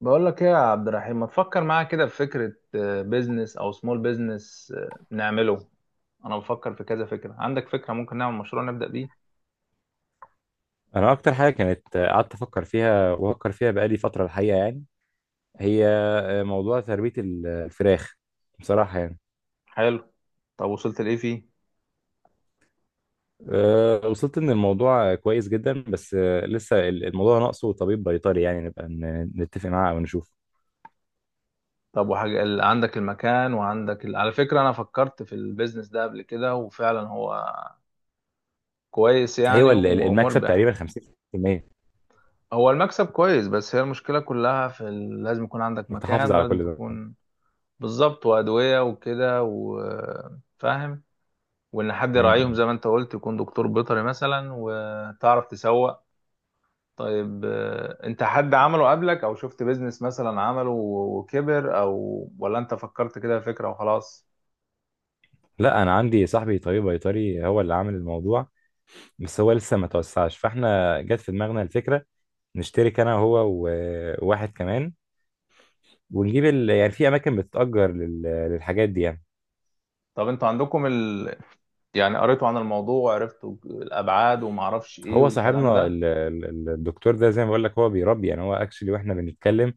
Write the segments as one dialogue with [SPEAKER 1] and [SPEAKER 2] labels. [SPEAKER 1] بقول لك ايه يا عبد الرحيم، ما تفكر معايا كده في فكرة بيزنس او سمول بيزنس نعمله. انا بفكر في كذا فكرة. عندك فكرة ممكن نعمل مشروع نبدأ بيه؟
[SPEAKER 2] انا اكتر حاجه كانت قعدت افكر فيها وافكر فيها بقالي فتره الحقيقه يعني، هي موضوع تربيه الفراخ بصراحه يعني.
[SPEAKER 1] حلو. طب وصلت لايه فيه؟
[SPEAKER 2] وصلت ان الموضوع كويس جدا، بس لسه الموضوع ناقصه طبيب بيطري، يعني نبقى نتفق معاه او نشوف.
[SPEAKER 1] طب وحاجة عندك المكان وعندك على فكرة، انا فكرت في البيزنس ده قبل كده وفعلا هو كويس يعني
[SPEAKER 2] ايوه، المكسب
[SPEAKER 1] ومربح.
[SPEAKER 2] تقريبا 50%.
[SPEAKER 1] هو المكسب كويس بس هي المشكلة كلها في لازم يكون عندك
[SPEAKER 2] انك تحافظ
[SPEAKER 1] مكان
[SPEAKER 2] على
[SPEAKER 1] ولازم
[SPEAKER 2] كل ده.
[SPEAKER 1] تكون بالظبط، وأدوية وكده وفاهم، وان حد يراعيهم
[SPEAKER 2] مم.
[SPEAKER 1] زي ما انت قلت يكون دكتور بيطري مثلا وتعرف تسوق. طيب، انت حد عمله قبلك او شفت بيزنس مثلا عمله و- وكبر، او ولا انت فكرت كده فكرة وخلاص؟
[SPEAKER 2] لا، انا عندي صاحبي طبيب بيطري هو اللي عامل الموضوع، بس هو لسه ما توسعش، فاحنا جت في دماغنا الفكره نشترك انا وهو وواحد كمان، ونجيب يعني في اماكن بتتأجر للحاجات دي يعني.
[SPEAKER 1] طب انتوا عندكم يعني قريتوا عن الموضوع وعرفتوا الابعاد وما اعرفش ايه
[SPEAKER 2] هو
[SPEAKER 1] والكلام
[SPEAKER 2] صاحبنا
[SPEAKER 1] ده؟
[SPEAKER 2] الدكتور ده زي ما بقول لك هو بيربي، يعني هو اكشلي واحنا بنتكلم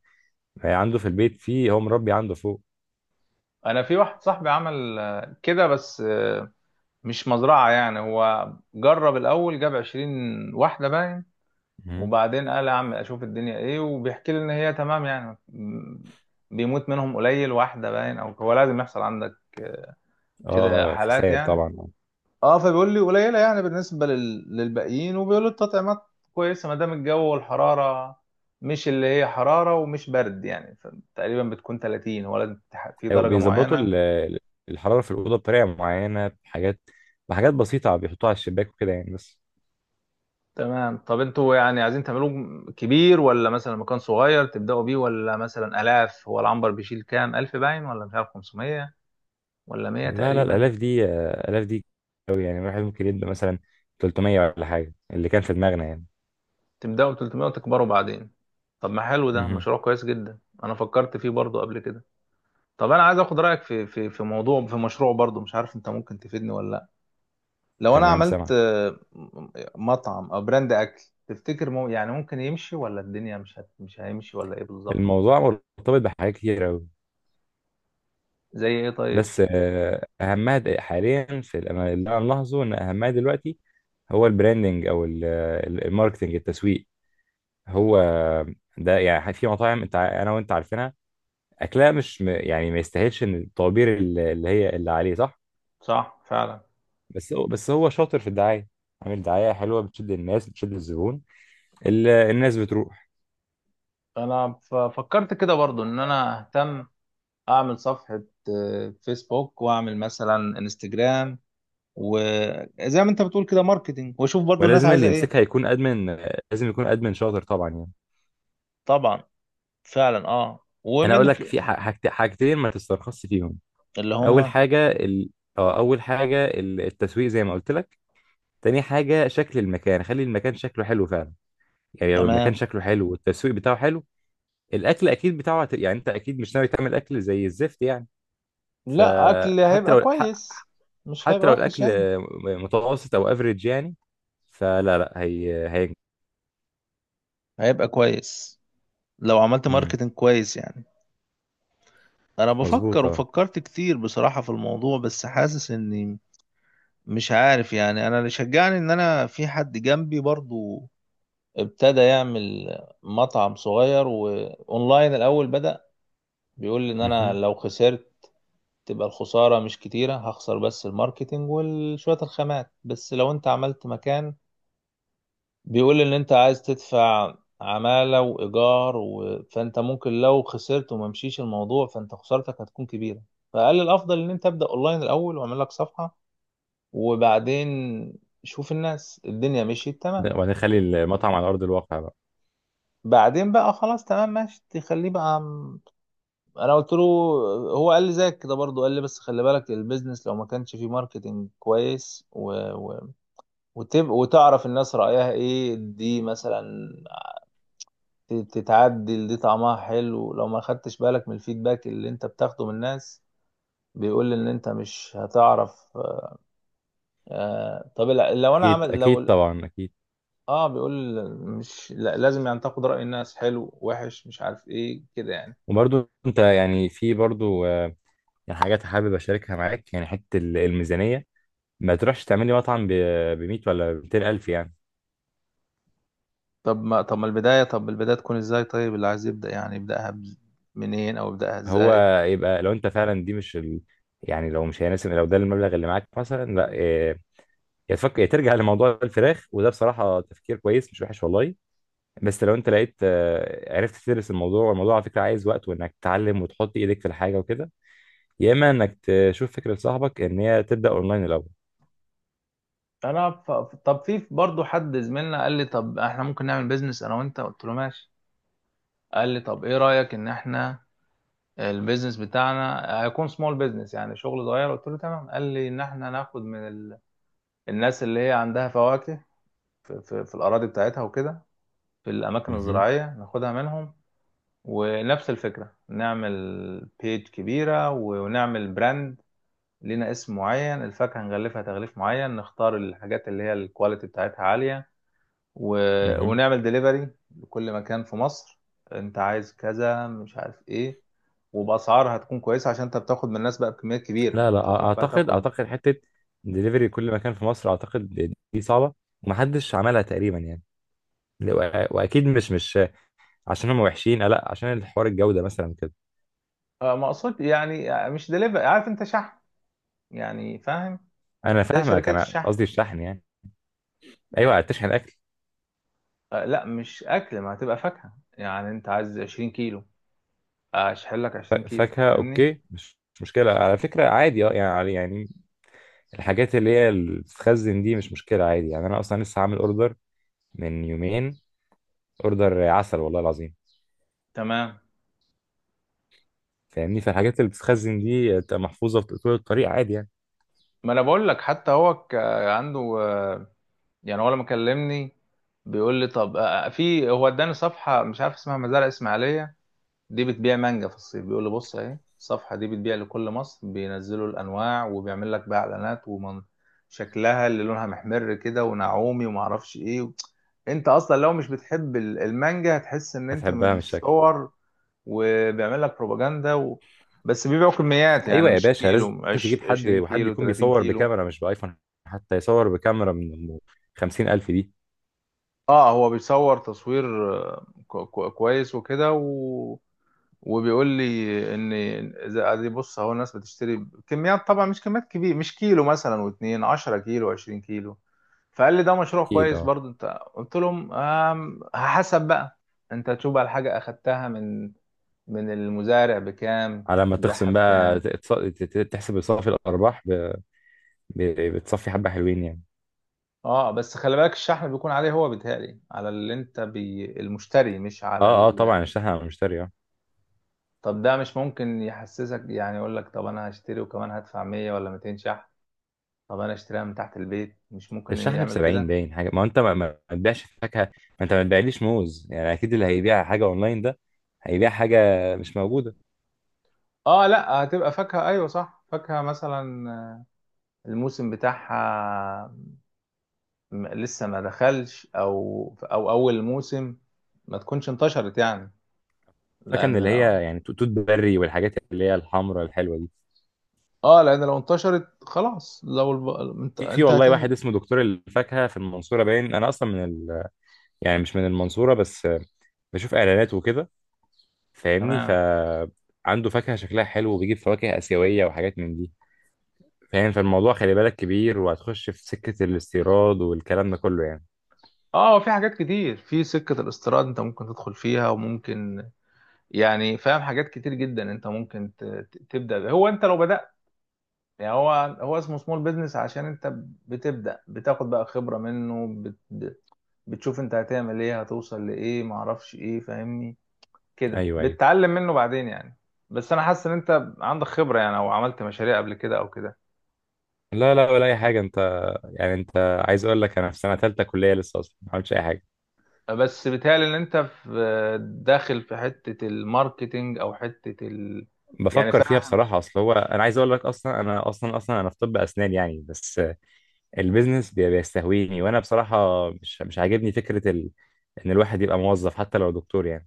[SPEAKER 2] عنده في البيت، هو مربي عنده فوق.
[SPEAKER 1] انا في واحد صاحبي عمل كده بس مش مزرعة يعني، هو جرب الاول جاب 20 واحدة باين.
[SPEAKER 2] مم.
[SPEAKER 1] وبعدين قال يا عم اشوف الدنيا ايه، وبيحكي لي ان هي تمام يعني. بيموت منهم قليل واحده باين، او هو لازم يحصل عندك كده
[SPEAKER 2] اه،
[SPEAKER 1] حالات
[SPEAKER 2] خسائر
[SPEAKER 1] يعني.
[SPEAKER 2] طبعا.
[SPEAKER 1] اه، فبيقول لي قليله يعني بالنسبه للباقيين، وبيقول لي التطعيمات كويسه ما دام الجو والحراره مش اللي هي حراره ومش برد يعني. تقريبا بتكون 30، هو لازم في
[SPEAKER 2] أيوة،
[SPEAKER 1] درجه
[SPEAKER 2] بيظبطوا
[SPEAKER 1] معينه.
[SPEAKER 2] الحرارة في الأوضة بطريقة معينة، بحاجات بسيطة بيحطوها على الشباك وكده يعني بس.
[SPEAKER 1] تمام. طب انتوا يعني عايزين تعملوه كبير ولا مثلا مكان صغير تبداوا بيه؟ ولا مثلا الاف، هو العنبر بيشيل كام الف باين، ولا مش عارف 500 ولا 100
[SPEAKER 2] لا لا،
[SPEAKER 1] تقريبا؟
[SPEAKER 2] الآلاف دي، آلاف دي أوي يعني. الواحد ممكن يبدأ مثلا 300 ولا حاجة، اللي كان في دماغنا يعني.
[SPEAKER 1] تبداوا ب 300 وتكبروا بعدين؟ طب ما حلو، ده
[SPEAKER 2] مهم.
[SPEAKER 1] مشروع كويس جدا. انا فكرت فيه برضو قبل كده. طب انا عايز اخد رايك في موضوع في مشروع برضو، مش عارف انت ممكن تفيدني ولا لا. لو انا
[SPEAKER 2] تمام،
[SPEAKER 1] عملت
[SPEAKER 2] سامعك.
[SPEAKER 1] مطعم او براند اكل، تفتكر مو يعني ممكن يمشي ولا الدنيا مش هيمشي ولا ايه بالظبط؟
[SPEAKER 2] الموضوع مرتبط بحاجات كتير أوي،
[SPEAKER 1] زي ايه طيب؟
[SPEAKER 2] بس اهمها حاليا في أنا انا ملاحظه ان اهمها دلوقتي هو البراندنج، او الماركتنج، التسويق. هو ده يعني. في مطاعم، انت انا وانت عارفينها، اكلها مش م- يعني ما يستاهلش ان الطوابير اللي هي اللي عليه، صح.
[SPEAKER 1] صح فعلا.
[SPEAKER 2] بس هو شاطر في الدعايه، عامل دعايه حلوه بتشد الناس بتشد الزبون. الناس بتروح.
[SPEAKER 1] انا فكرت كده برضو ان انا اهتم، اعمل صفحة فيسبوك واعمل مثلا انستجرام، وزي ما انت بتقول كده ماركتينج، واشوف برضو الناس
[SPEAKER 2] ولازم
[SPEAKER 1] عايزه
[SPEAKER 2] اللي
[SPEAKER 1] ايه.
[SPEAKER 2] يمسكها يكون ادمن، لازم يكون ادمن شاطر طبعا يعني.
[SPEAKER 1] طبعا. فعلا اه،
[SPEAKER 2] انا اقول لك في حاجتين ما تسترخصش فيهم.
[SPEAKER 1] اللي
[SPEAKER 2] اول
[SPEAKER 1] هم
[SPEAKER 2] حاجه ال... اه اول حاجه التسويق زي ما قلت لك. تاني حاجه شكل المكان، خلي المكان شكله حلو فعلا، يعني لو المكان
[SPEAKER 1] تمام.
[SPEAKER 2] شكله حلو والتسويق بتاعه حلو. الاكل اكيد بتاعه يعني انت اكيد مش ناوي تعمل اكل زي الزفت يعني.
[SPEAKER 1] لا، اكل
[SPEAKER 2] فحتى
[SPEAKER 1] هيبقى
[SPEAKER 2] لو
[SPEAKER 1] كويس، مش
[SPEAKER 2] حتى
[SPEAKER 1] هيبقى
[SPEAKER 2] لو
[SPEAKER 1] وحش
[SPEAKER 2] الاكل
[SPEAKER 1] يعني،
[SPEAKER 2] متوسط او افريج يعني، فلا لا، هي هي.
[SPEAKER 1] هيبقى كويس لو عملت
[SPEAKER 2] امم،
[SPEAKER 1] ماركتينج كويس يعني. انا بفكر
[SPEAKER 2] مظبوط اه.
[SPEAKER 1] وفكرت كتير بصراحة في الموضوع بس حاسس اني مش عارف يعني. انا اللي شجعني ان انا في حد جنبي برضو، ابتدى يعمل مطعم صغير واونلاين الاول بدأ. بيقول لي ان انا
[SPEAKER 2] مهم.
[SPEAKER 1] لو خسرت تبقى الخسارة مش كتيرة، هخسر بس الماركتينج وشوية الخامات، بس لو انت عملت مكان بيقول ان انت عايز تدفع عمالة وإيجار فانت ممكن لو خسرت وما مشيش الموضوع فانت خسارتك هتكون كبيرة. فقال الأفضل ان انت ابدأ اونلاين الأول واعمل لك صفحة وبعدين شوف الناس، الدنيا مشيت تمام،
[SPEAKER 2] وبعدين خلي المطعم على ارض الواقع بقى.
[SPEAKER 1] بعدين بقى خلاص تمام ماشي تخليه بقى. انا قلت له. هو قال لي زيك كده برضه، قال لي بس خلي بالك البيزنس لو ما كانش فيه ماركتينج كويس وتعرف الناس رأيها ايه دي مثلا، تتعدل، دي طعمها حلو. لو ما خدتش بالك من الفيدباك اللي انت بتاخده من الناس بيقول ان انت مش هتعرف. طب لو انا
[SPEAKER 2] اكيد
[SPEAKER 1] عمل لو
[SPEAKER 2] اكيد، طبعا اكيد.
[SPEAKER 1] اه، بيقول مش لا لازم يعني تاخد رأي الناس حلو وحش مش عارف ايه كده يعني.
[SPEAKER 2] وبرضو انت يعني، في برضو يعني حاجات حابب اشاركها معاك، يعني حته الميزانيه، ما تروحش تعملي مطعم ب 100 ولا 200 الف يعني.
[SPEAKER 1] طب ما طب ما البداية طب البداية تكون ازاي طيب، اللي عايز يبدأ يعني يبدأها منين او يبدأها
[SPEAKER 2] هو
[SPEAKER 1] ازاي؟
[SPEAKER 2] يبقى لو انت فعلا دي مش يعني، لو مش هيناسب، لو ده المبلغ اللي معاك مثلا، لا يا تفكر يا ترجع لموضوع الفراخ، وده بصراحه تفكير كويس، مش وحش والله. بس لو انت لقيت، عرفت تدرس الموضوع، والموضوع على فكره عايز وقت، وانك تتعلم وتحط ايدك في الحاجه وكده، يا اما انك تشوف فكره صاحبك ان هي تبدا اونلاين الاول.
[SPEAKER 1] انا ف... طب في برضه حد زميلنا قال لي طب احنا ممكن نعمل بيزنس انا وانت، قلت له ماشي. قال لي طب ايه رأيك ان احنا البيزنس بتاعنا هيكون سمول بيزنس يعني شغل صغير، قلت له تمام. قال لي ان احنا ناخد من الناس اللي هي عندها فواكه في الاراضي بتاعتها وكده، في الاماكن
[SPEAKER 2] مهم.
[SPEAKER 1] الزراعية ناخدها منهم. ونفس الفكرة نعمل بيج كبيرة ونعمل براند لينا اسم معين، الفاكهة نغلفها تغليف معين، نختار الحاجات اللي هي الكواليتي بتاعتها عالية و...
[SPEAKER 2] مهم.
[SPEAKER 1] ونعمل ديليفري لكل مكان في مصر، انت عايز كذا مش عارف ايه، وباسعار هتكون كويسه عشان انت بتاخد من الناس بقى بكميات كبيره،
[SPEAKER 2] لا لا،
[SPEAKER 1] انت تروح بقى
[SPEAKER 2] اعتقد
[SPEAKER 1] تاخد.
[SPEAKER 2] اعتقد حته دليفري كل مكان في مصر، اعتقد دي صعبه، ومحدش عملها تقريبا يعني. لا، واكيد مش عشان هم وحشين، لا، عشان الحوار الجوده مثلا كده.
[SPEAKER 1] مقصود يعني مش ديليفري، عارف انت؟ شحن يعني، فاهم؟
[SPEAKER 2] انا
[SPEAKER 1] زي
[SPEAKER 2] فاهمك،
[SPEAKER 1] شركات
[SPEAKER 2] انا
[SPEAKER 1] الشحن.
[SPEAKER 2] قصدي الشحن يعني. ايوه، تشحن اكل.
[SPEAKER 1] لا مش اكل، ما هتبقى فاكهه يعني، انت عايز 20 كيلو اشحن لك 20 كيلو،
[SPEAKER 2] فاكهه
[SPEAKER 1] فاهمني؟
[SPEAKER 2] اوكي، مش مشكله على فكره، عادي اه، يعني الحاجات اللي هي اللي بتتخزن دي مش مشكله، عادي يعني. انا اصلا لسه عامل اوردر من يومين، اوردر عسل والله العظيم.
[SPEAKER 1] تمام.
[SPEAKER 2] فاهمني، فالحاجات اللي بتتخزن دي بتبقى محفوظه في طول الطريق عادي يعني.
[SPEAKER 1] ما انا بقول لك، حتى هو عنده يعني، هو لما كلمني بيقول لي طب، في، هو اداني صفحة مش عارف اسمها مزارع اسماعيلية، دي بتبيع مانجا في الصيف. بيقول لي بص اهي الصفحة دي بتبيع لكل مصر، بينزلوا الانواع وبيعمل لك بقى اعلانات، ومن شكلها اللي لونها محمر كده ونعومي وما اعرفش ايه، انت اصلا لو مش بتحب المانجا هتحس ان انت
[SPEAKER 2] هتحبها
[SPEAKER 1] من
[SPEAKER 2] من الشكل.
[SPEAKER 1] الصور، وبيعمل لك بروباجندا بس بيبيعوا كميات
[SPEAKER 2] ايوه
[SPEAKER 1] يعني،
[SPEAKER 2] يا
[SPEAKER 1] مش
[SPEAKER 2] باشا، لازم
[SPEAKER 1] كيلو
[SPEAKER 2] تجيب حد،
[SPEAKER 1] 20
[SPEAKER 2] وحد
[SPEAKER 1] كيلو
[SPEAKER 2] يكون
[SPEAKER 1] 30
[SPEAKER 2] بيصور
[SPEAKER 1] كيلو.
[SPEAKER 2] بكاميرا مش بايفون، حتى يصور بكاميرا من 50,000 دي.
[SPEAKER 1] اه، هو بيصور تصوير كويس وكده وبيقول لي ان اذا ادي بص اهو، الناس بتشتري كميات طبعا، مش كميات كبيره، مش كيلو مثلا واتنين، 10 كيلو 20 كيلو. فقال لي ده مشروع
[SPEAKER 2] اكيد
[SPEAKER 1] كويس
[SPEAKER 2] اه.
[SPEAKER 1] برضو انت. قلت لهم حسب بقى، انت تشوف بقى الحاجة اخدتها من المزارع بكام
[SPEAKER 2] على ما
[SPEAKER 1] هتبيعها
[SPEAKER 2] تخصم بقى
[SPEAKER 1] بكام.
[SPEAKER 2] تحسب صافي الارباح، بتصفي حبه حلوين يعني.
[SPEAKER 1] اه بس خلي بالك الشحن بيكون عليه هو، بيتهيألي على اللي انت بي المشتري مش على.
[SPEAKER 2] اه اه، طبعا الشحن على المشتري اه.
[SPEAKER 1] طب ده مش ممكن يحسسك يعني يقول لك طب انا هشتري وكمان هدفع 100 ولا 200 شحن؟ طب انا اشتريها من تحت البيت، مش ممكن
[SPEAKER 2] الشحن ب
[SPEAKER 1] يعمل
[SPEAKER 2] 70
[SPEAKER 1] كده؟
[SPEAKER 2] باين حاجه، ما هو انت ما تبيعش فاكهه، ما انت ما تبيعليش موز يعني، اكيد اللي هيبيع حاجه اونلاين ده هيبيع حاجه مش موجوده.
[SPEAKER 1] اه لا، هتبقى فاكهة، ايوه صح، فاكهة مثلا الموسم بتاعها لسه ما دخلش، او اول موسم ما تكونش انتشرت يعني،
[SPEAKER 2] فاكهه من
[SPEAKER 1] لان
[SPEAKER 2] اللي
[SPEAKER 1] لو
[SPEAKER 2] هي يعني، توت بري، والحاجات اللي هي الحمراء الحلوه دي.
[SPEAKER 1] اه، لان لو انتشرت خلاص، لو انت
[SPEAKER 2] في
[SPEAKER 1] انت
[SPEAKER 2] والله واحد
[SPEAKER 1] هتنزل.
[SPEAKER 2] اسمه دكتور الفاكهه في المنصوره باين، انا اصلا من، يعني مش من المنصورة، بس بشوف إعلانات وكده. فاهمني،
[SPEAKER 1] تمام.
[SPEAKER 2] فعنده فاكهة شكلها حلو، وبيجيب فواكه آسيوية وحاجات من دي. فاهم، فالموضوع خلي بالك كبير، وهتخش في سكة الاستيراد والكلام ده كله يعني.
[SPEAKER 1] اه، في حاجات كتير في سكة الاستيراد انت ممكن تدخل فيها وممكن يعني فاهم. حاجات كتير جدا انت ممكن تبدا بيها. هو انت لو بدات يعني، هو اسمه سمول بيزنس عشان انت بتبدا بتاخد بقى خبره منه، بتشوف انت هتعمل ايه هتوصل لايه معرفش ايه، فاهمني؟ كده
[SPEAKER 2] أيوه أيوه.
[SPEAKER 1] بتتعلم منه بعدين يعني. بس انا حاسس ان انت عندك خبره يعني، او عملت مشاريع قبل كده او كده.
[SPEAKER 2] لا لا، ولا أي حاجة. أنت يعني، أنت عايز أقول لك، أنا في سنة تالتة كلية، لسه أصلا ما عملتش أي حاجة،
[SPEAKER 1] بس بيتهيألي ان انت في داخل في حته الماركتينج او حته يعني
[SPEAKER 2] بفكر فيها
[SPEAKER 1] فاهم
[SPEAKER 2] بصراحة. أصل هو، أنا عايز أقول لك، أصلا أنا أصلا أنا في طب أسنان يعني، بس البيزنس بيستهويني، وأنا بصراحة مش عاجبني فكرة إن الواحد يبقى موظف، حتى لو دكتور يعني.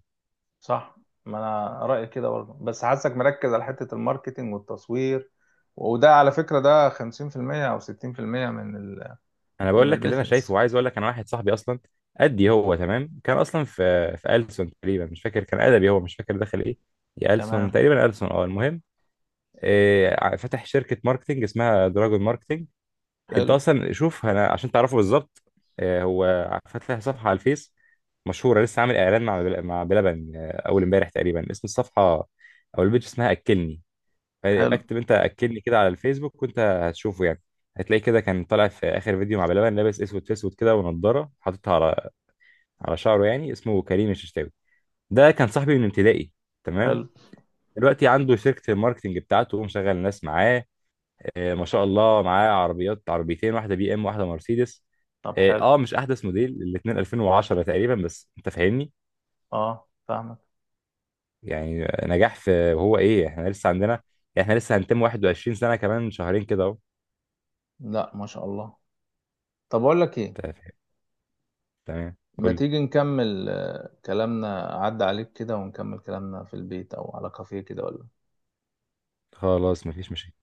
[SPEAKER 1] صح. ما انا رايي كده برضه، بس حاسك مركز على حته الماركتينج والتصوير، وده على فكره ده 50% او 60% من
[SPEAKER 2] انا
[SPEAKER 1] من
[SPEAKER 2] بقول لك اللي انا شايفه،
[SPEAKER 1] البيزنس.
[SPEAKER 2] وعايز اقول لك، انا واحد صاحبي اصلا قدي هو تمام، كان اصلا في ألسن تقريبا، مش فاكر، كان ادبي، هو مش فاكر دخل ايه، يا ألسن
[SPEAKER 1] تمام.
[SPEAKER 2] تقريبا، ألسن اه، المهم إيه، فتح شركه ماركتنج اسمها دراجون ماركتنج. انت
[SPEAKER 1] حلو
[SPEAKER 2] اصلا شوف، انا عشان تعرفه بالظبط، إيه، هو فاتح صفحه على الفيس مشهوره، لسه عامل اعلان مع مع بلبن اول امبارح تقريبا. اسم الصفحه او البيج اسمها اكلني، فيبقى
[SPEAKER 1] حلو
[SPEAKER 2] اكتب انت اكدني كده على الفيسبوك وانت هتشوفه يعني. هتلاقي كده كان طالع في اخر فيديو مع بلبن، لابس اسود في اسود كده، ونضاره حاططها على شعره يعني، اسمه كريم الششتاوي، ده كان صاحبي من ابتدائي. تمام.
[SPEAKER 1] حلو.
[SPEAKER 2] دلوقتي عنده شركة الماركتنج بتاعته، ومشغل ناس معاه، آه ما شاء الله، معاه عربيات عربيتين، واحدة بي ام واحدة مرسيدس.
[SPEAKER 1] طب
[SPEAKER 2] اه
[SPEAKER 1] حلو.
[SPEAKER 2] مش احدث موديل، الاتنين 2010 تقريبا، بس انت فاهمني.
[SPEAKER 1] اه، فاهمك.
[SPEAKER 2] يعني نجاح. في وهو ايه، احنا لسه هنتم 21 سنة كمان شهرين كده اهو.
[SPEAKER 1] لا، ما شاء الله. طب اقول لك ايه،
[SPEAKER 2] أنت فاهم؟ تمام.
[SPEAKER 1] ما
[SPEAKER 2] قول.
[SPEAKER 1] تيجي نكمل كلامنا عدى عليك كده ونكمل كلامنا في البيت او على كافيه كده ولا؟
[SPEAKER 2] خلاص مفيش مشاكل.